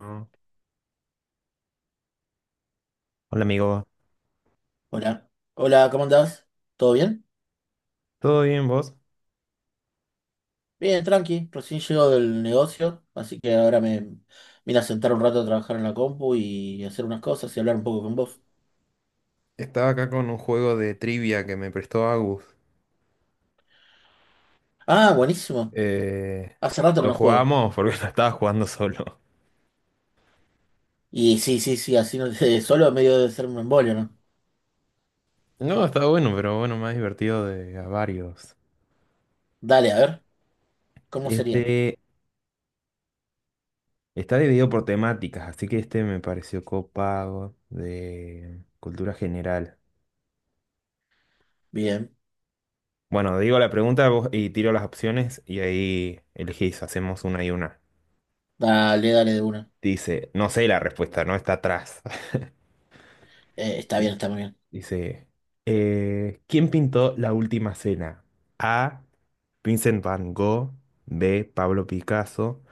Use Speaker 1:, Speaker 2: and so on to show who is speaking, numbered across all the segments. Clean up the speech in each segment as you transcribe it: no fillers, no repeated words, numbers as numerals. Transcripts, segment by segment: Speaker 1: Mm. Hola amigo.
Speaker 2: Hola, hola, ¿cómo andás? ¿Todo bien?
Speaker 1: ¿Todo bien vos?
Speaker 2: Bien, tranqui, recién llego del negocio, así que ahora me vine a sentar un rato a trabajar en la compu y hacer unas cosas y hablar un poco con vos.
Speaker 1: Estaba acá con un juego de trivia que me prestó Agus.
Speaker 2: Ah, buenísimo,
Speaker 1: Eh,
Speaker 2: hace rato que
Speaker 1: lo
Speaker 2: no juego.
Speaker 1: jugamos porque lo estaba jugando solo.
Speaker 2: Y sí, sí, sí, así no te, solo medio de ser un embolio, ¿no?
Speaker 1: No, está bueno, pero bueno, más divertido de a varios.
Speaker 2: Dale, a ver, ¿cómo sería?
Speaker 1: este Está dividido por temáticas, así que este me pareció copado de cultura general.
Speaker 2: Bien,
Speaker 1: Bueno, digo la pregunta vos- y tiro las opciones y ahí elegís, hacemos una y una.
Speaker 2: dale, dale de una.
Speaker 1: Dice, no sé la respuesta, no está atrás.
Speaker 2: Está bien, está muy bien.
Speaker 1: Dice, ¿quién pintó La Última Cena? A. Vincent Van Gogh, B. Pablo Picasso,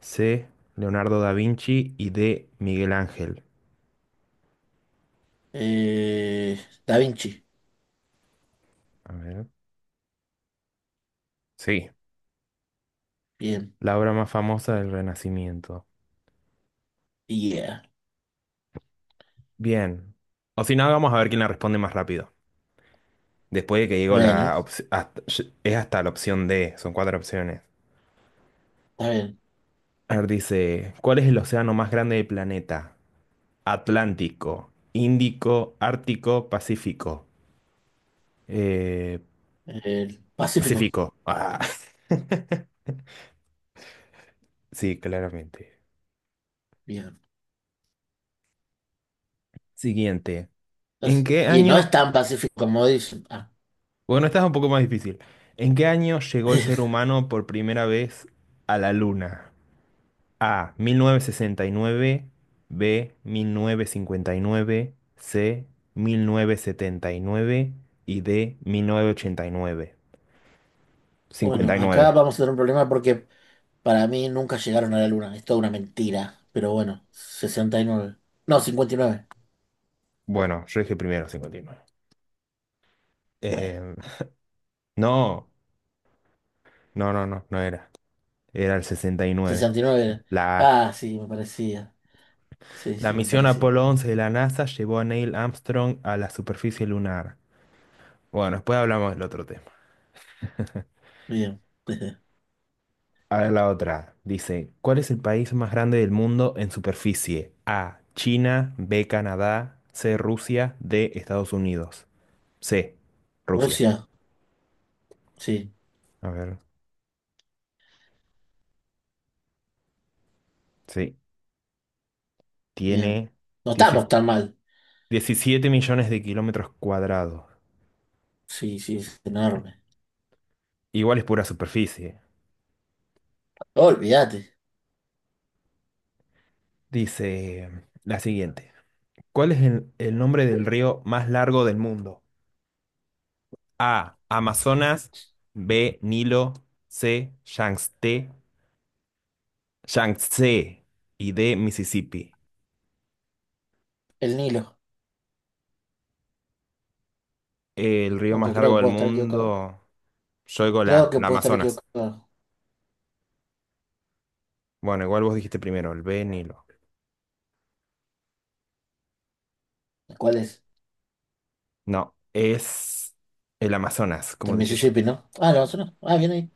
Speaker 1: C. Leonardo da Vinci y D. Miguel Ángel.
Speaker 2: Eh, Da Vinci,
Speaker 1: A ver. Sí,
Speaker 2: bien,
Speaker 1: la obra más famosa del Renacimiento.
Speaker 2: yeah.
Speaker 1: Bien. O si no, vamos a ver quién la responde más rápido. Después de que digo
Speaker 2: Bueno,
Speaker 1: la opción, es hasta la opción D, son cuatro opciones.
Speaker 2: está bien.
Speaker 1: A ver, dice, ¿cuál es el océano más grande del planeta? Atlántico, Índico, Ártico, Pacífico. Eh,
Speaker 2: El Pacífico,
Speaker 1: Pacífico. Ah, sí, claramente.
Speaker 2: bien.
Speaker 1: Siguiente. ¿En
Speaker 2: Es-
Speaker 1: qué
Speaker 2: Y no es
Speaker 1: año?
Speaker 2: tan pacífico como dicen. Ah,
Speaker 1: Bueno, esta es un poco más difícil. ¿En qué año llegó el ser humano por primera vez a la Luna? A. 1969. B. 1959. C. 1979. Y D. 1989.
Speaker 2: Bueno,
Speaker 1: Cincuenta y
Speaker 2: acá
Speaker 1: nueve.
Speaker 2: vamos a tener un problema porque para mí nunca llegaron a la luna. Es toda una mentira. Pero bueno, sesenta y nueve. No, cincuenta y nueve.
Speaker 1: Bueno, yo dije primero 59.
Speaker 2: Bueno,
Speaker 1: Eh, no, no era. Era el 69.
Speaker 2: 69 era.
Speaker 1: La A.
Speaker 2: Ah, sí, me parecía. Sí,
Speaker 1: La
Speaker 2: sí, me
Speaker 1: misión
Speaker 2: parecía.
Speaker 1: Apolo 11 de la NASA llevó a Neil Armstrong a la superficie lunar. Bueno, después hablamos del otro tema.
Speaker 2: Bien.
Speaker 1: A ver la otra. Dice, ¿cuál es el país más grande del mundo en superficie? A, China, B, Canadá, C, Rusia, D, Estados Unidos. C, Rusia.
Speaker 2: Rusia, sí,
Speaker 1: A ver, sí.
Speaker 2: bien.
Speaker 1: Tiene
Speaker 2: No estamos
Speaker 1: 17
Speaker 2: tan mal.
Speaker 1: 17 millones de kilómetros cuadrados.
Speaker 2: Sí, sí, es enorme.
Speaker 1: Igual es pura superficie.
Speaker 2: Olvídate.
Speaker 1: Dice la siguiente. ¿Cuál es el nombre del río más largo del mundo? A. Amazonas. B. Nilo. C. Yangtze. Yangtze. Y D. Mississippi.
Speaker 2: El Nilo,
Speaker 1: El río más
Speaker 2: aunque creo
Speaker 1: largo
Speaker 2: que
Speaker 1: del
Speaker 2: puedo estar equivocado.
Speaker 1: mundo. Yo digo
Speaker 2: Creo
Speaker 1: la,
Speaker 2: que
Speaker 1: la
Speaker 2: puedo estar
Speaker 1: Amazonas.
Speaker 2: equivocado.
Speaker 1: Bueno, igual vos dijiste primero, el B. Nilo.
Speaker 2: ¿Cuál es?
Speaker 1: No, es el Amazonas,
Speaker 2: El
Speaker 1: como dije yo.
Speaker 2: Mississippi, ¿no? Ah, no, eso no. Ah, bien ahí.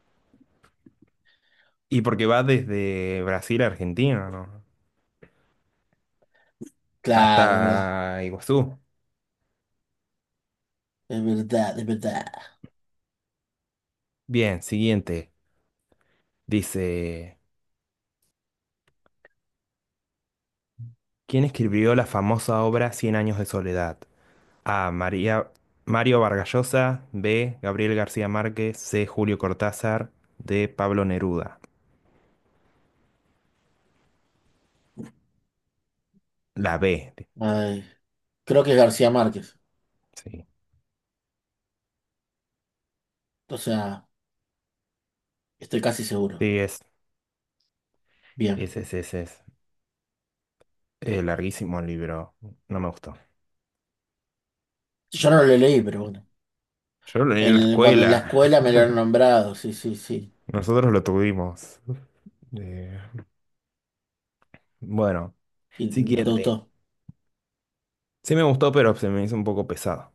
Speaker 1: Y porque va desde Brasil a Argentina, ¿no?
Speaker 2: Claro, es verdad,
Speaker 1: Hasta Iguazú.
Speaker 2: es verdad, es verdad.
Speaker 1: Bien, siguiente. Dice, ¿quién escribió la famosa obra Cien años de soledad? A. María, Mario Vargas Llosa. B. Gabriel García Márquez. C. Julio Cortázar. D. Pablo Neruda. La B.
Speaker 2: Ay, creo que es García Márquez,
Speaker 1: Sí.
Speaker 2: o sea, estoy casi seguro.
Speaker 1: Sí,
Speaker 2: Bien,
Speaker 1: es. Larguísimo el libro. No me gustó.
Speaker 2: yo no lo leí, pero bueno.
Speaker 1: Yo lo leí en la
Speaker 2: El- cuando en la
Speaker 1: escuela.
Speaker 2: escuela me lo han nombrado, sí, sí, sí.
Speaker 1: Nosotros lo tuvimos. Eh, bueno,
Speaker 2: Y no te
Speaker 1: siguiente.
Speaker 2: gustó.
Speaker 1: Sí me gustó, pero se me hizo un poco pesado.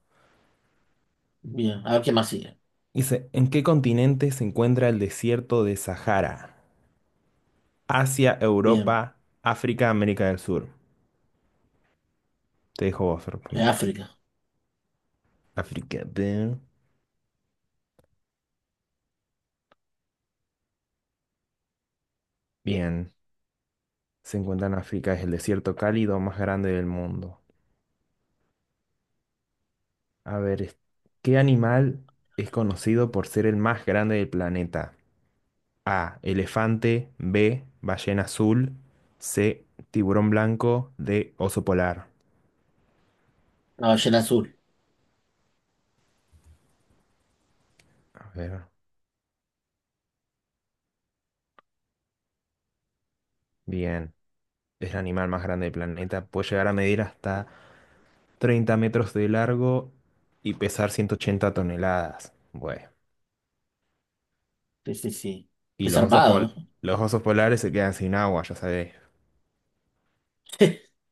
Speaker 2: Bien, a ver qué más sigue.
Speaker 1: Dice, ¿en qué continente se encuentra el desierto de Sahara? Asia,
Speaker 2: Bien,
Speaker 1: Europa, África, América del Sur. Te dejo vos.
Speaker 2: África,
Speaker 1: África, bien. Bien, se encuentra en África, es el desierto cálido más grande del mundo. A ver, es- ¿Qué animal es conocido por ser el más grande del planeta? A, elefante, B, ballena azul, C, tiburón blanco, D, oso polar.
Speaker 2: la ballena azul.
Speaker 1: A ver, bien, es el animal más grande del planeta, puede llegar a medir hasta 30 metros de largo y pesar 180 toneladas. Bueno,
Speaker 2: Sí, sí, sí.
Speaker 1: y
Speaker 2: Es zarpado, ¿no?
Speaker 1: los osos polares se quedan sin agua, ya sabes.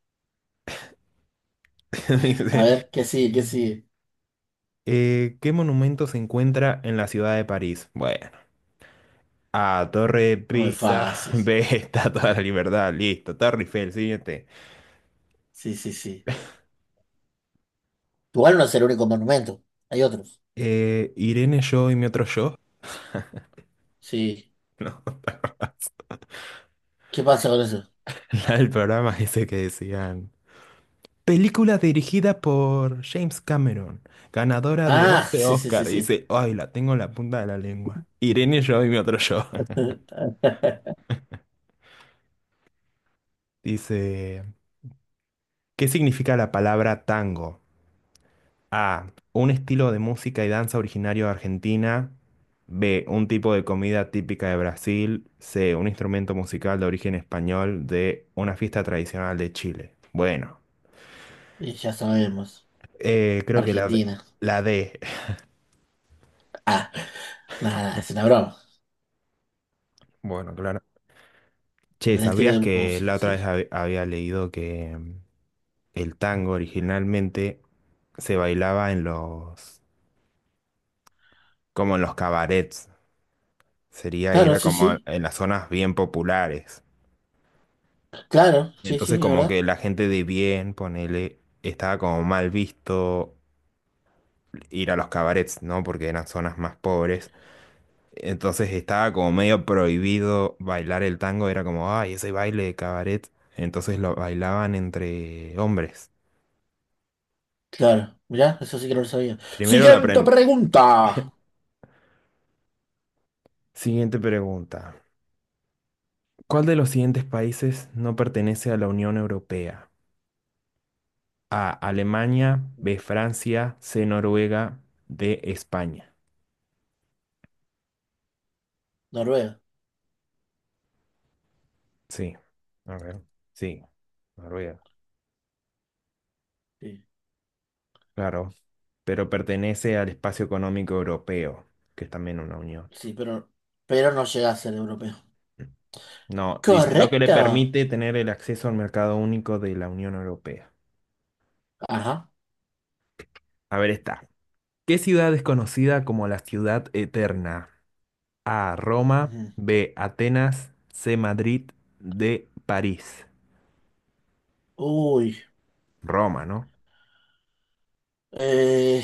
Speaker 1: Me
Speaker 2: A
Speaker 1: dice,
Speaker 2: ver, ¿qué sigue? ¿Qué sigue?
Speaker 1: ¿qué monumento se encuentra en la ciudad de París? Bueno, A, Torre de
Speaker 2: No muy
Speaker 1: Pisa,
Speaker 2: fácil.
Speaker 1: B, Estatua de la Libertad, listo, Torre Eiffel, siguiente.
Speaker 2: Sí, sí, sí. Igual no es el único monumento. Hay otros.
Speaker 1: Irene, yo y mi otro yo.
Speaker 2: Sí.
Speaker 1: No,
Speaker 2: ¿Qué pasa con eso?
Speaker 1: la del programa ese que decían. Película dirigida por James Cameron, ganadora de
Speaker 2: Ah,
Speaker 1: once
Speaker 2: sí, sí, sí,
Speaker 1: Oscar. Y
Speaker 2: sí.
Speaker 1: dice, ay, la tengo en la punta de la lengua. Irene, yo y mi otro yo. Dice, ¿qué significa la palabra tango? A. Un estilo de música y danza originario de Argentina. B. Un tipo de comida típica de Brasil. C. Un instrumento musical de origen español. D. Una fiesta tradicional de Chile. Bueno,
Speaker 2: Y ya sabemos,
Speaker 1: creo que
Speaker 2: Argentina.
Speaker 1: la D.
Speaker 2: Ah, nada, nada, es una broma.
Speaker 1: Bueno, claro. Che,
Speaker 2: El estilo
Speaker 1: ¿sabías
Speaker 2: de
Speaker 1: que
Speaker 2: música,
Speaker 1: la otra vez
Speaker 2: sí.
Speaker 1: había leído que el tango originalmente se bailaba en como en los cabarets? Sería ir
Speaker 2: Claro,
Speaker 1: a
Speaker 2: sí,
Speaker 1: como
Speaker 2: sí.
Speaker 1: en las zonas bien populares.
Speaker 2: Claro,
Speaker 1: Y
Speaker 2: sí,
Speaker 1: entonces
Speaker 2: sí, ¿es
Speaker 1: como
Speaker 2: verdad?
Speaker 1: que la gente de bien, ponele, estaba como mal visto ir a los cabarets, ¿no? Porque eran zonas más pobres. Entonces estaba como medio prohibido bailar el tango, era como, ay, ese baile de cabaret. Entonces lo bailaban entre hombres.
Speaker 2: Claro, mirá, eso sí que no lo sabía.
Speaker 1: Primero la
Speaker 2: Siguiente
Speaker 1: apren-
Speaker 2: pregunta.
Speaker 1: Siguiente pregunta. ¿Cuál de los siguientes países no pertenece a la Unión Europea? A, Alemania, B, Francia, C, Noruega, D, España.
Speaker 2: Noruega.
Speaker 1: Sí. A ver. Sí. Noruega.
Speaker 2: Sí,
Speaker 1: Claro, pero pertenece al espacio económico europeo, que es también una unión.
Speaker 2: sí, pero no llega a ser europeo.
Speaker 1: No, dice, lo que le
Speaker 2: Correcto.
Speaker 1: permite tener el acceso al mercado único de la Unión Europea.
Speaker 2: Ajá.
Speaker 1: A ver, está. ¿Qué ciudad es conocida como la ciudad eterna? A, Roma,
Speaker 2: Ujú.
Speaker 1: B, Atenas, C, Madrid, D, París.
Speaker 2: Uy,
Speaker 1: Roma, ¿no?
Speaker 2: eh,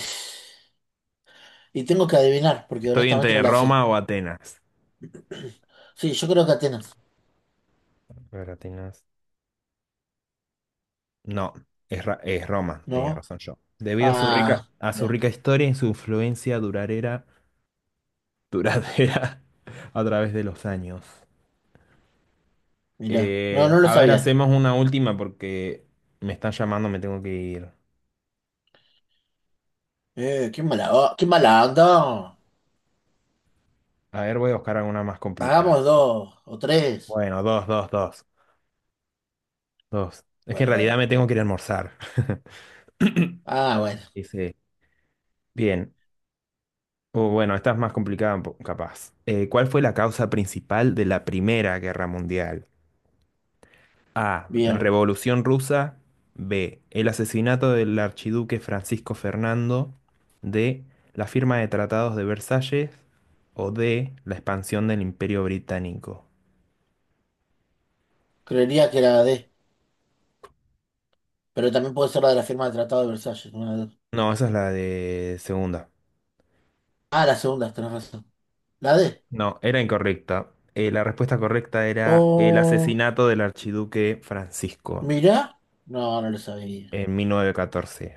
Speaker 2: y tengo que adivinar, porque
Speaker 1: Estoy
Speaker 2: honestamente no
Speaker 1: entre
Speaker 2: la sé.
Speaker 1: Roma o Atenas.
Speaker 2: Sí, yo creo que Atenas.
Speaker 1: A ver, Atenas. No, es Roma, tenía
Speaker 2: ¿No?
Speaker 1: razón yo. Debido a
Speaker 2: Ah,
Speaker 1: a su
Speaker 2: mirá,
Speaker 1: rica historia y su influencia duradera a través de los años.
Speaker 2: mira. No, no lo
Speaker 1: A ver,
Speaker 2: sabía.
Speaker 1: hacemos una última porque me están llamando, me tengo que ir.
Speaker 2: Qué mala, o- qué mala onda.
Speaker 1: A ver, voy a buscar alguna más complicada.
Speaker 2: Pagamos dos o tres.
Speaker 1: Bueno, dos. Es que en
Speaker 2: Bueno,
Speaker 1: realidad
Speaker 2: dale.
Speaker 1: me tengo que ir a almorzar.
Speaker 2: Ah, bueno,
Speaker 1: Dice, bien. O bueno, esta es más complicada, capaz. ¿Cuál fue la causa principal de la Primera Guerra Mundial? A. La
Speaker 2: bien.
Speaker 1: Revolución Rusa. B. El asesinato del archiduque Francisco Fernando. D. La firma de tratados de Versalles. O D. La expansión del Imperio Británico.
Speaker 2: Creería que era la D, pero también puede ser la de la firma del Tratado de Versalles. Una de-
Speaker 1: No, esa es la de segunda.
Speaker 2: Ah, la segunda, tenés razón. La D.
Speaker 1: No, era incorrecta. La respuesta correcta era el
Speaker 2: Oh,
Speaker 1: asesinato del archiduque Francisco
Speaker 2: mirá. No, no lo sabía.
Speaker 1: en 1914.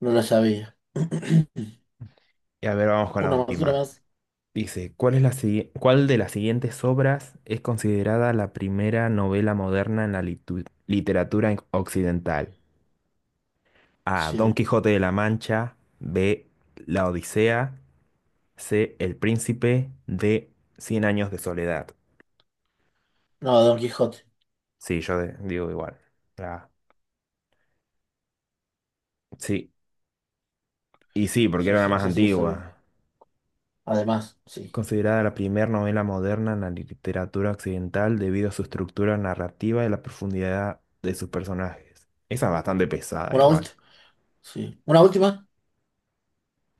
Speaker 2: No lo sabía.
Speaker 1: Y a ver, vamos con la
Speaker 2: Una más, una
Speaker 1: última.
Speaker 2: más.
Speaker 1: Dice, ¿cuál de las siguientes obras es considerada la primera novela moderna en la literatura occidental? A. Don
Speaker 2: Sí.
Speaker 1: Quijote de la Mancha. B. La Odisea. C. El Príncipe. D. Cien años de soledad.
Speaker 2: No, Don Quijote.
Speaker 1: Sí, digo igual. Ah, sí, y sí, porque
Speaker 2: Sí,
Speaker 1: era la
Speaker 2: sí,
Speaker 1: más
Speaker 2: eso sí lo sabía.
Speaker 1: antigua.
Speaker 2: Además,
Speaker 1: Es
Speaker 2: sí.
Speaker 1: considerada la primera novela moderna en la literatura occidental debido a su estructura narrativa y la profundidad de sus personajes. Esa es bastante pesada
Speaker 2: Una
Speaker 1: igual.
Speaker 2: última. Sí. Una última.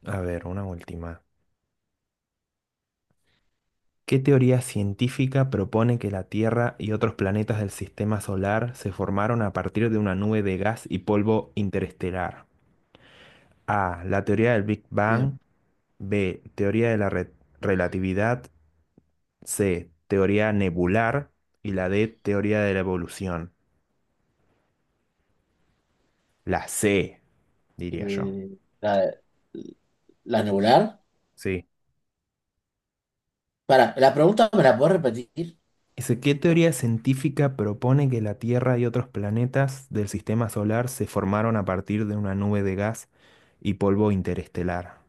Speaker 1: A ver, una última. ¿Qué teoría científica propone que la Tierra y otros planetas del sistema solar se formaron a partir de una nube de gas y polvo interestelar? A. La teoría del Big Bang.
Speaker 2: Bien.
Speaker 1: B. Teoría de la relatividad. C. Teoría nebular. Y la D. Teoría de la evolución. La C, diría yo.
Speaker 2: Eh, la, la nebular.
Speaker 1: Sí.
Speaker 2: Para, la pregunta me la puedo repetir.
Speaker 1: Ese, ¿qué teoría científica propone que la Tierra y otros planetas del sistema solar se formaron a partir de una nube de gas y polvo interestelar?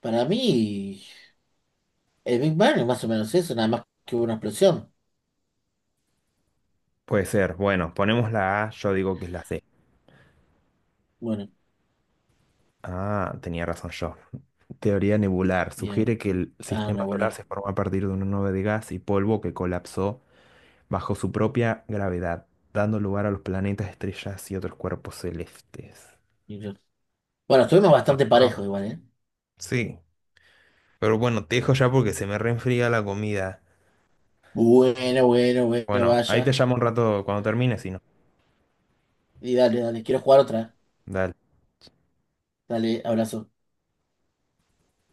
Speaker 2: Para mí, el Big Bang es más o menos eso, nada más que hubo una explosión.
Speaker 1: Puede ser, bueno, ponemos la A, yo digo que es la C.
Speaker 2: Bueno,
Speaker 1: Ah, tenía razón yo. Teoría nebular
Speaker 2: bien.
Speaker 1: sugiere que el
Speaker 2: Ah, me
Speaker 1: sistema solar
Speaker 2: volar.
Speaker 1: se formó a partir de una nube de gas y polvo que colapsó bajo su propia gravedad, dando lugar a los planetas, estrellas y otros cuerpos celestes.
Speaker 2: Bueno, estuvimos
Speaker 1: Ah,
Speaker 2: bastante
Speaker 1: está.
Speaker 2: parejos igual, ¿eh?
Speaker 1: Sí, pero bueno, te dejo ya porque se me reenfría la comida.
Speaker 2: Bueno, bueno, bueno,
Speaker 1: Bueno, ahí te
Speaker 2: vaya.
Speaker 1: llamo un rato cuando termines y no.
Speaker 2: Y dale, dale, quiero jugar otra.
Speaker 1: Dale.
Speaker 2: Dale, abrazo.